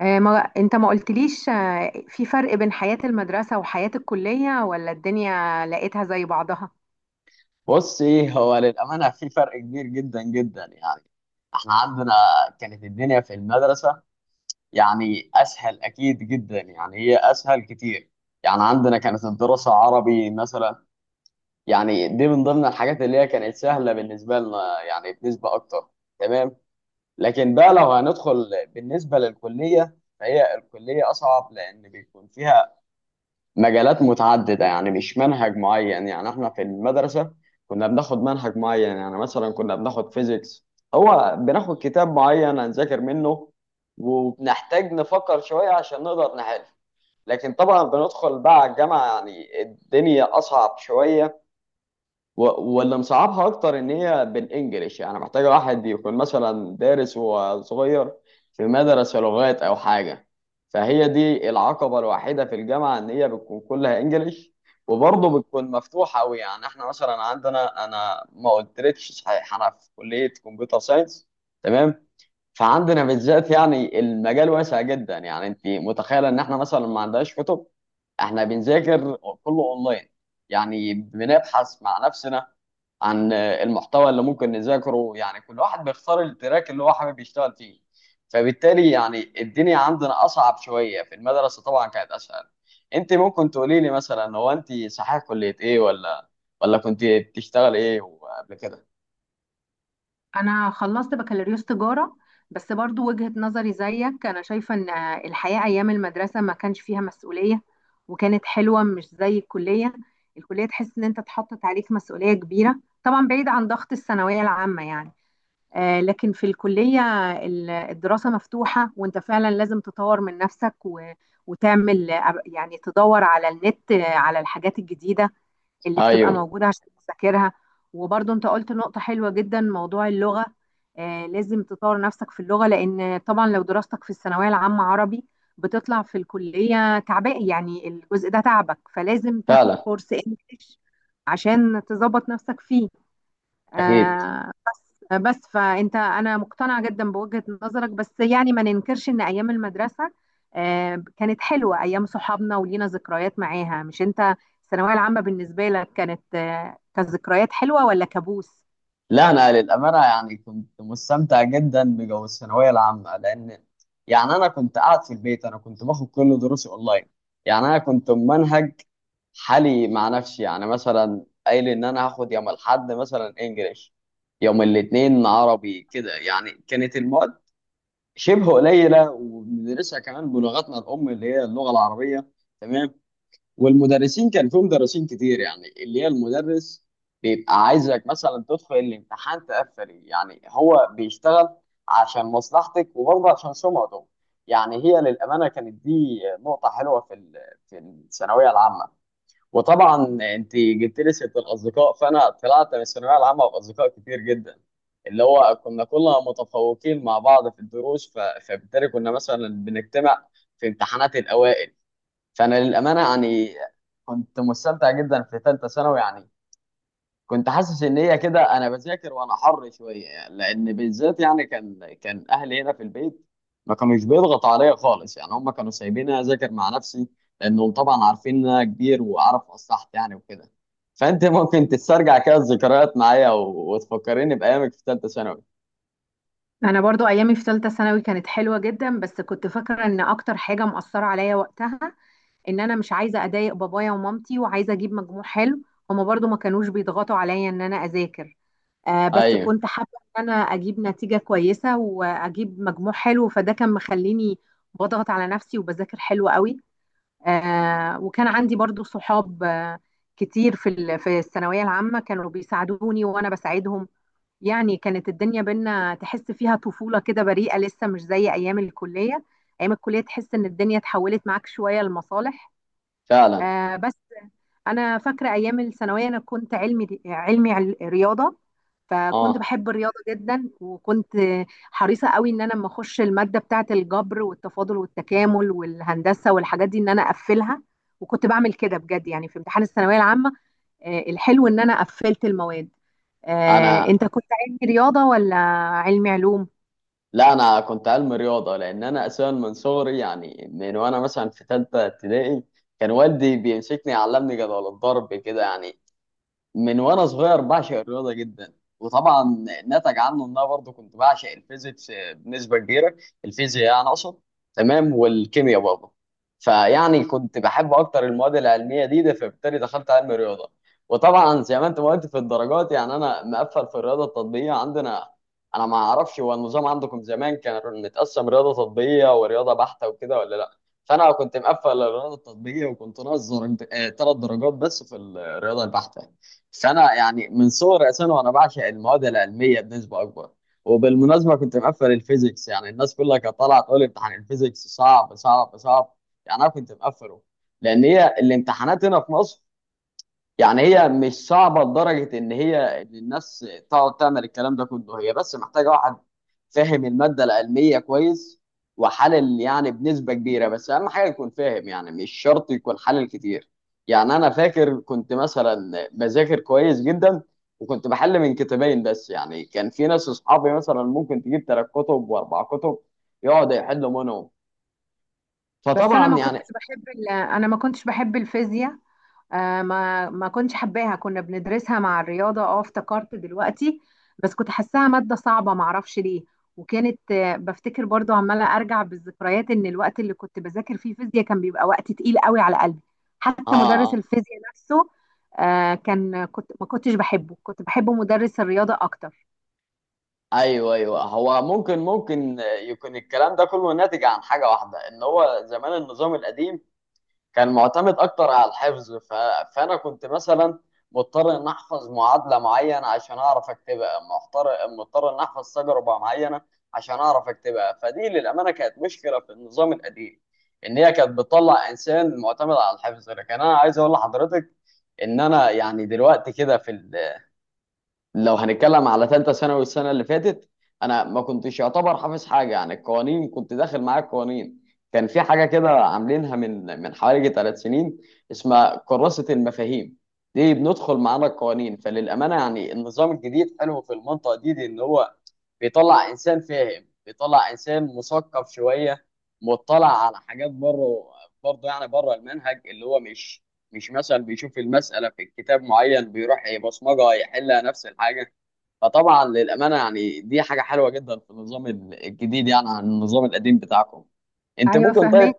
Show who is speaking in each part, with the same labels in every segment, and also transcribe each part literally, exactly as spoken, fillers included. Speaker 1: آه، ما انت ما قلتليش آه، في فرق بين حياة المدرسة وحياة الكلية، ولا الدنيا لقيتها زي بعضها؟
Speaker 2: بص، ايه هو للامانه في فرق كبير جدا جدا يعني. احنا عندنا كانت الدنيا في المدرسه يعني اسهل اكيد جدا، يعني هي اسهل كتير. يعني عندنا كانت الدراسه عربي مثلا، يعني دي من ضمن الحاجات اللي هي كانت سهله بالنسبه لنا يعني بنسبه اكتر. تمام. لكن بقى لو هندخل بالنسبه للكليه فهي الكليه اصعب لان بيكون فيها مجالات متعددة، يعني مش منهج معين. يعني احنا في المدرسة كنا بناخد منهج معين، يعني مثلا كنا بناخد فيزيكس، هو بناخد كتاب معين هنذاكر منه، وبنحتاج نفكر شوية عشان نقدر نحل. لكن طبعا بندخل بقى على الجامعة يعني الدنيا أصعب شوية و- واللي مصعبها اكتر ان هي بالانجلش، يعني محتاجه واحد يكون مثلا دارس وصغير في مدرسه لغات او حاجه. فهي دي العقبه الوحيده في الجامعه، ان هي بتكون كلها انجلش، وبرضه بتكون مفتوحه قوي. يعني احنا مثلا عندنا، انا ما قلتلكش صحيح، انا في كليه كمبيوتر ساينس. تمام. فعندنا بالذات يعني المجال واسع جدا، يعني انت متخيله ان احنا مثلا ما عندناش كتب، احنا بنذاكر كله اونلاين، يعني بنبحث مع نفسنا عن المحتوى اللي ممكن نذاكره. يعني كل واحد بيختار التراك اللي هو حابب يشتغل فيه، فبالتالي يعني الدنيا عندنا أصعب شوية. في المدرسة طبعا كانت أسهل. أنت ممكن تقولي لي مثلا، هو أنت صحيح كلية إيه، ولا ولا كنت بتشتغل إيه قبل كده؟
Speaker 1: انا خلصت بكالوريوس تجارة. بس برضو وجهة نظري زيك، انا شايفة ان آه، الحياة ايام المدرسة ما كانش فيها مسؤولية وكانت حلوة، مش زي الكلية. الكلية تحس ان انت اتحطت عليك مسؤولية كبيرة، طبعا بعيد عن ضغط الثانوية العامة يعني. آه، لكن في الكلية ال- الدراسة مفتوحة، وانت فعلا لازم تطور من نفسك و- وتعمل آه، يعني تدور على النت، آه، على الحاجات الجديدة اللي بتبقى
Speaker 2: أيوه.
Speaker 1: موجودة عشان تذاكرها. وبرضه انت قلت نقطة حلوة جدا، موضوع اللغة. آه، لازم تطور نفسك في اللغة، لأن طبعا لو دراستك في الثانوية العامة عربي بتطلع في الكلية تعبان، يعني الجزء ده تعبك، فلازم تاخد
Speaker 2: فعلا.
Speaker 1: كورس انجليش عشان تظبط نفسك فيه.
Speaker 2: أكيد.
Speaker 1: آه، بس فانت انا مقتنعه جدا بوجهه نظرك. بس يعني ما ننكرش ان ايام المدرسه آه، كانت حلوه، ايام صحابنا ولينا ذكريات معاها. مش انت الثانويه العامه بالنسبه لك كانت آه، كذكريات حلوه ولا كابوس؟
Speaker 2: لا أنا للأمانة يعني كنت مستمتع جدا بجو الثانوية العامة، لأن يعني أنا كنت قاعد في البيت، أنا كنت باخد كل دروسي أونلاين. يعني أنا كنت منهج حالي مع نفسي، يعني مثلا قايل ان انا هاخد يوم الاحد مثلا انجليش، يوم الاثنين عربي، كده. يعني كانت المواد شبه قليله، وبندرسها كمان بلغتنا الام اللي هي اللغه العربيه. تمام. والمدرسين، كان في مدرسين كتير، يعني اللي هي المدرس بيبقى عايزك مثلا تدخل الامتحان تقفل، يعني هو بيشتغل عشان مصلحتك وبرضه عشان سمعته. يعني هي للامانه كانت دي نقطه حلوه في ال- في الثانويه العامه. وطبعا انت جبت لي سيره الاصدقاء، فانا طلعت من الثانويه العامه باصدقاء كتير جدا، اللي هو كنا كلنا متفوقين مع بعض في الدروس، ف... فبالتالي كنا مثلا بنجتمع في امتحانات الاوائل. فانا للامانه يعني كنت مستمتع جدا في ثالثه ثانوي، يعني كنت حاسس ان هي كده انا بذاكر وانا حر شويه، يعني، لان بالذات يعني كان كان اهلي هنا في البيت، ما كانوش بيضغطوا عليا خالص، يعني هم كانوا سايبيني اذاكر مع نفسي، لانهم طبعا عارفين ان انا كبير واعرف اصلحت يعني، وكده. فانت ممكن تسترجع كده الذكريات معايا و- وتفكريني بايامك في ثالثه ثانوي.
Speaker 1: انا برضو ايامي في ثالثه ثانوي كانت حلوه جدا، بس كنت فاكره ان اكتر حاجه مؤثره عليا وقتها ان انا مش عايزه اضايق بابايا ومامتي، وعايزه اجيب مجموع حلو. هما برضو ما كانوش بيضغطوا عليا ان انا اذاكر، آه، بس
Speaker 2: ايوه.
Speaker 1: كنت حابة ان انا اجيب نتيجة كويسة واجيب مجموع حلو، فده كان مخليني بضغط على نفسي وبذاكر حلو قوي. آه، وكان عندي برضو صحاب آه، كتير في ال- في الثانوية العامة، كانوا بيساعدوني وانا بساعدهم. يعني كانت الدنيا بينا تحس فيها طفولة كده بريئة لسه، مش زي ايام الكلية. ايام الكلية تحس ان الدنيا اتحولت معاك شوية لمصالح.
Speaker 2: فعلا.
Speaker 1: آه، بس انا فاكره ايام الثانويه، انا كنت علمي علمي عل- رياضه. فكنت
Speaker 2: اه.
Speaker 1: بحب الرياضه جدا، وكنت حريصه قوي ان انا لما اخش الماده بتاعه الجبر والتفاضل والتكامل والهندسه والحاجات دي ان انا اقفلها. وكنت بعمل كده بجد يعني في امتحان الثانويه العامه. آه، الحلو ان انا قفلت المواد. آه،
Speaker 2: انا.
Speaker 1: انت كنت علمي رياضه ولا علمي علوم؟
Speaker 2: لا انا كنت علم رياضه، لان انا اساسا من صغري، يعني من وانا مثلا في ثالثه ابتدائي كان والدي بيمسكني يعلمني جدول الضرب كده. يعني من وانا صغير بعشق الرياضه جدا، وطبعا نتج عنه ان انا برضه كنت بعشق الفيزيكس بنسبه كبيره، الفيزياء يعني اقصد. تمام، والكيمياء برضه. فيعني كنت بحب اكتر المواد العلميه دي ده، فبالتالي دخلت علم الرياضه. وطبعا زي ما انت ما قلت في الدرجات، يعني انا مقفل في الرياضه التطبيقيه. عندنا انا ما اعرفش هو النظام عندكم زمان كان متقسم رياضه تطبيقيه ورياضه بحته وكده ولا لا. فانا كنت مقفل الرياضه التطبيقيه، وكنت ناقص درجت- آه، ثلاث درجات بس في الرياضه البحته. بس انا يعني من صغري اساسا وانا بعشق المواد العلميه بنسبه اكبر. وبالمناسبه كنت مقفل الفيزيكس، يعني الناس كلها كانت طالعه تقول امتحان الفيزيكس صعب صعب صعب، يعني انا كنت مقفله. لان هي الامتحانات هنا في مصر، يعني هي مش صعبة لدرجة إن هي إن الناس تقعد تعمل الكلام ده كله، هي بس محتاجة واحد فاهم المادة العلمية كويس، وحلل يعني بنسبة كبيرة، بس أهم حاجة يكون فاهم، يعني مش شرط يكون حلل كتير. يعني أنا فاكر كنت مثلا بذاكر كويس جدا، وكنت بحل من كتابين بس. يعني كان في ناس أصحابي مثلا ممكن تجيب تلات كتب وأربع كتب يقعد يحل منهم،
Speaker 1: بس انا
Speaker 2: فطبعا
Speaker 1: ما
Speaker 2: يعني.
Speaker 1: كنتش بحب ال- انا ما كنتش بحب الفيزياء. آه ما ما كنتش حباها، كنا بندرسها مع الرياضة. اه، افتكرت دلوقتي. بس كنت حاساها مادة صعبة، معرفش ليه. وكانت آه بفتكر برضو عمالة ارجع بالذكريات ان الوقت اللي كنت بذاكر فيه فيزياء كان بيبقى وقت تقيل قوي على قلبي.
Speaker 2: آه.
Speaker 1: حتى مدرس
Speaker 2: آه.
Speaker 1: الفيزياء نفسه آه كان كنت ما كنتش بحبه، كنت بحب مدرس الرياضة اكتر.
Speaker 2: ايوه ايوه، هو ممكن ممكن يكون الكلام ده كله ناتج عن حاجه واحده، ان هو زمان النظام القديم كان معتمد اكتر على الحفظ. ف... فانا كنت مثلا مضطر ان احفظ معادله معينه عشان اعرف اكتبها، مضطر. مضطر ان احفظ تجربه معينه عشان اعرف اكتبها. فدي للامانه كانت مشكله في النظام القديم، ان هي كانت بتطلع انسان معتمد على الحفظ. لكن انا عايز اقول لحضرتك ان انا يعني دلوقتي كده، في، لو هنتكلم على ثالثه ثانوي السنه اللي فاتت، انا ما كنتش يعتبر حافظ حاجه. يعني القوانين كنت داخل معايا القوانين. كان في حاجه كده عاملينها من من حوالي ثلاث سنين، اسمها كراسه المفاهيم، دي بندخل معانا القوانين. فللامانه يعني النظام الجديد حلو في المنطقه دي, دي، ان هو بيطلع انسان فاهم، بيطلع انسان مثقف شويه، مطلع على حاجات بره، برضه يعني بره المنهج. اللي هو مش مش مثلا بيشوف المسألة في كتاب معين بيروح يبصمجها يحلها نفس الحاجة. فطبعا للأمانة يعني دي حاجة حلوة جدا في النظام ال- الجديد يعني عن النظام القديم بتاعكم. انت
Speaker 1: ايوه،
Speaker 2: ممكن، طيب.
Speaker 1: فهماك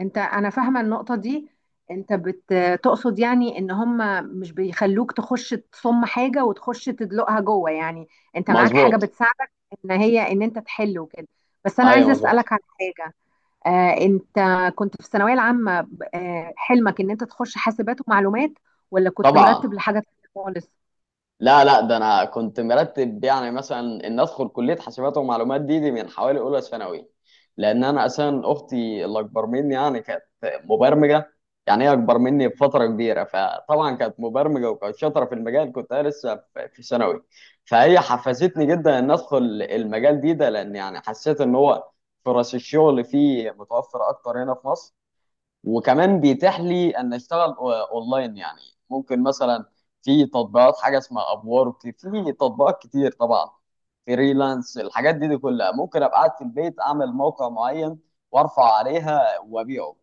Speaker 1: انت. انا فاهمه النقطه دي. انت بتقصد يعني ان هم مش بيخلوك تخش تصم حاجه وتخش تدلقها جوه، يعني انت معاك حاجه
Speaker 2: مظبوط.
Speaker 1: بتساعدك، ان هي ان انت تحل وكده. بس انا
Speaker 2: ايوه
Speaker 1: عايزه
Speaker 2: مظبوط.
Speaker 1: اسالك عن حاجه. آه انت كنت في الثانويه العامه، آه حلمك ان انت تخش حاسبات ومعلومات، ولا كنت
Speaker 2: طبعا.
Speaker 1: مرتب لحاجه تانية خالص؟
Speaker 2: لا لا، ده انا كنت مرتب يعني مثلا ان ادخل كليه حاسبات ومعلومات دي, دي من حوالي اولى ثانوي. لان انا اساسا اختي اللي اكبر مني يعني كانت مبرمجه. يعني هي اكبر مني بفتره كبيره، فطبعا كانت مبرمجه وكانت شاطره في المجال. كنت انا لسه في في ثانوي. فهي حفزتني جدا ان ادخل المجال دي ده، لان يعني حسيت ان هو فرص الشغل فيه متوفره اكتر هنا في مصر، وكمان بيتاح لي ان اشتغل أو- اونلاين يعني. ممكن مثلا في تطبيقات، حاجه اسمها ابورك، في تطبيقات كتير طبعا، فريلانس. الحاجات دي, دي كلها ممكن ابقى قاعد في البيت اعمل موقع معين وارفع عليها وابيعه.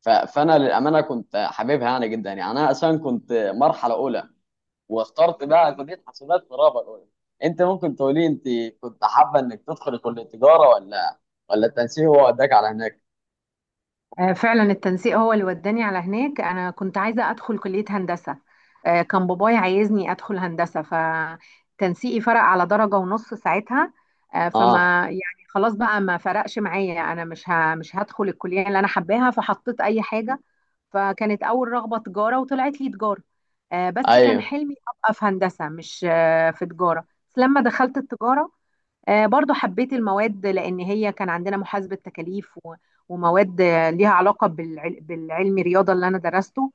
Speaker 2: ف- فانا للامانه كنت حاببها يعني جدا، يعني انا اصلا كنت مرحله اولى، واخترت بقى كليه حسابات في الرابعه الاولى. انت ممكن تقولي، انت كنت حابه انك تدخل كليه تجاره، ولا ولا التنسيق هو وداك على هناك؟
Speaker 1: آه، فعلا التنسيق هو اللي وداني على هناك. انا كنت عايزه ادخل كليه هندسه. آه، كان باباي عايزني ادخل هندسه، فتنسيقي فرق على درجه ونص ساعتها. آه، فما
Speaker 2: اه.
Speaker 1: يعني خلاص بقى، ما فرقش معايا، انا مش ه- مش هدخل الكليه اللي انا حباها، فحطيت اي حاجه. فكانت اول رغبه تجاره، وطلعت لي تجاره. آه، بس كان
Speaker 2: ايوه
Speaker 1: حلمي ابقى في هندسه، مش آه، في تجاره. بس لما دخلت التجاره آه، برضو حبيت المواد، لأن هي كان عندنا محاسبة تكاليف و- ومواد آه، ليها علاقة بالعل- بالعلم الرياضة اللي أنا درسته،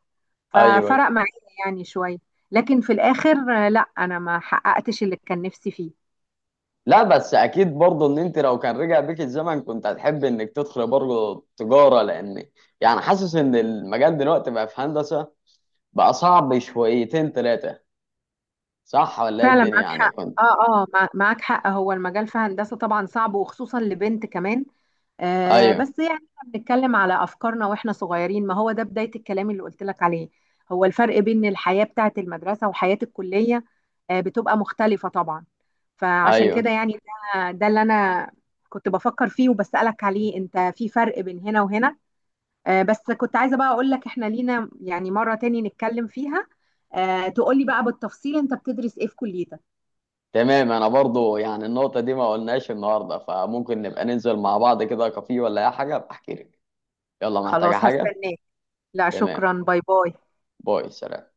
Speaker 2: ايوه.
Speaker 1: ففرق معايا يعني شوية. لكن في الآخر آه، لا، أنا ما حققتش اللي كان نفسي فيه.
Speaker 2: لا، بس اكيد برضه ان انت لو كان رجع بيك الزمن كنت هتحب انك تدخل برضه تجاره، لان يعني حاسس ان المجال دلوقتي بقى في هندسه بقى صعب شويتين ثلاثه. صح ولا ايه
Speaker 1: فعلا
Speaker 2: الدنيا؟
Speaker 1: معاك
Speaker 2: يعني
Speaker 1: حق.
Speaker 2: كنت.
Speaker 1: اه، اه، مع- معاك حق. هو المجال في هندسة طبعا صعب، وخصوصا لبنت كمان. آه
Speaker 2: ايوه
Speaker 1: بس يعني احنا بنتكلم على افكارنا واحنا صغيرين، ما هو ده بداية الكلام اللي قلت لك عليه. هو الفرق بين الحياة بتاعة المدرسة وحياة الكلية آه بتبقى مختلفة طبعا. فعشان كده
Speaker 2: ايوه.
Speaker 1: يعني، ده ده اللي انا كنت بفكر فيه وبسألك عليه، انت في فرق بين هنا وهنا. آه بس كنت عايزة بقى اقول لك احنا لينا يعني مرة تاني نتكلم فيها، آه تقولي بقى بالتفصيل انت بتدرس ايه في كليتك.
Speaker 2: تمام، انا برضه يعني النقطه دي ما قلناش النهارده، فممكن نبقى ننزل مع بعض كده كافيه ولا اي حاجه، بحكي لك. يلا، محتاجه
Speaker 1: خلاص،
Speaker 2: حاجه؟
Speaker 1: هستناك. لا،
Speaker 2: تمام.
Speaker 1: شكرا. باي باي.
Speaker 2: باي، سلام.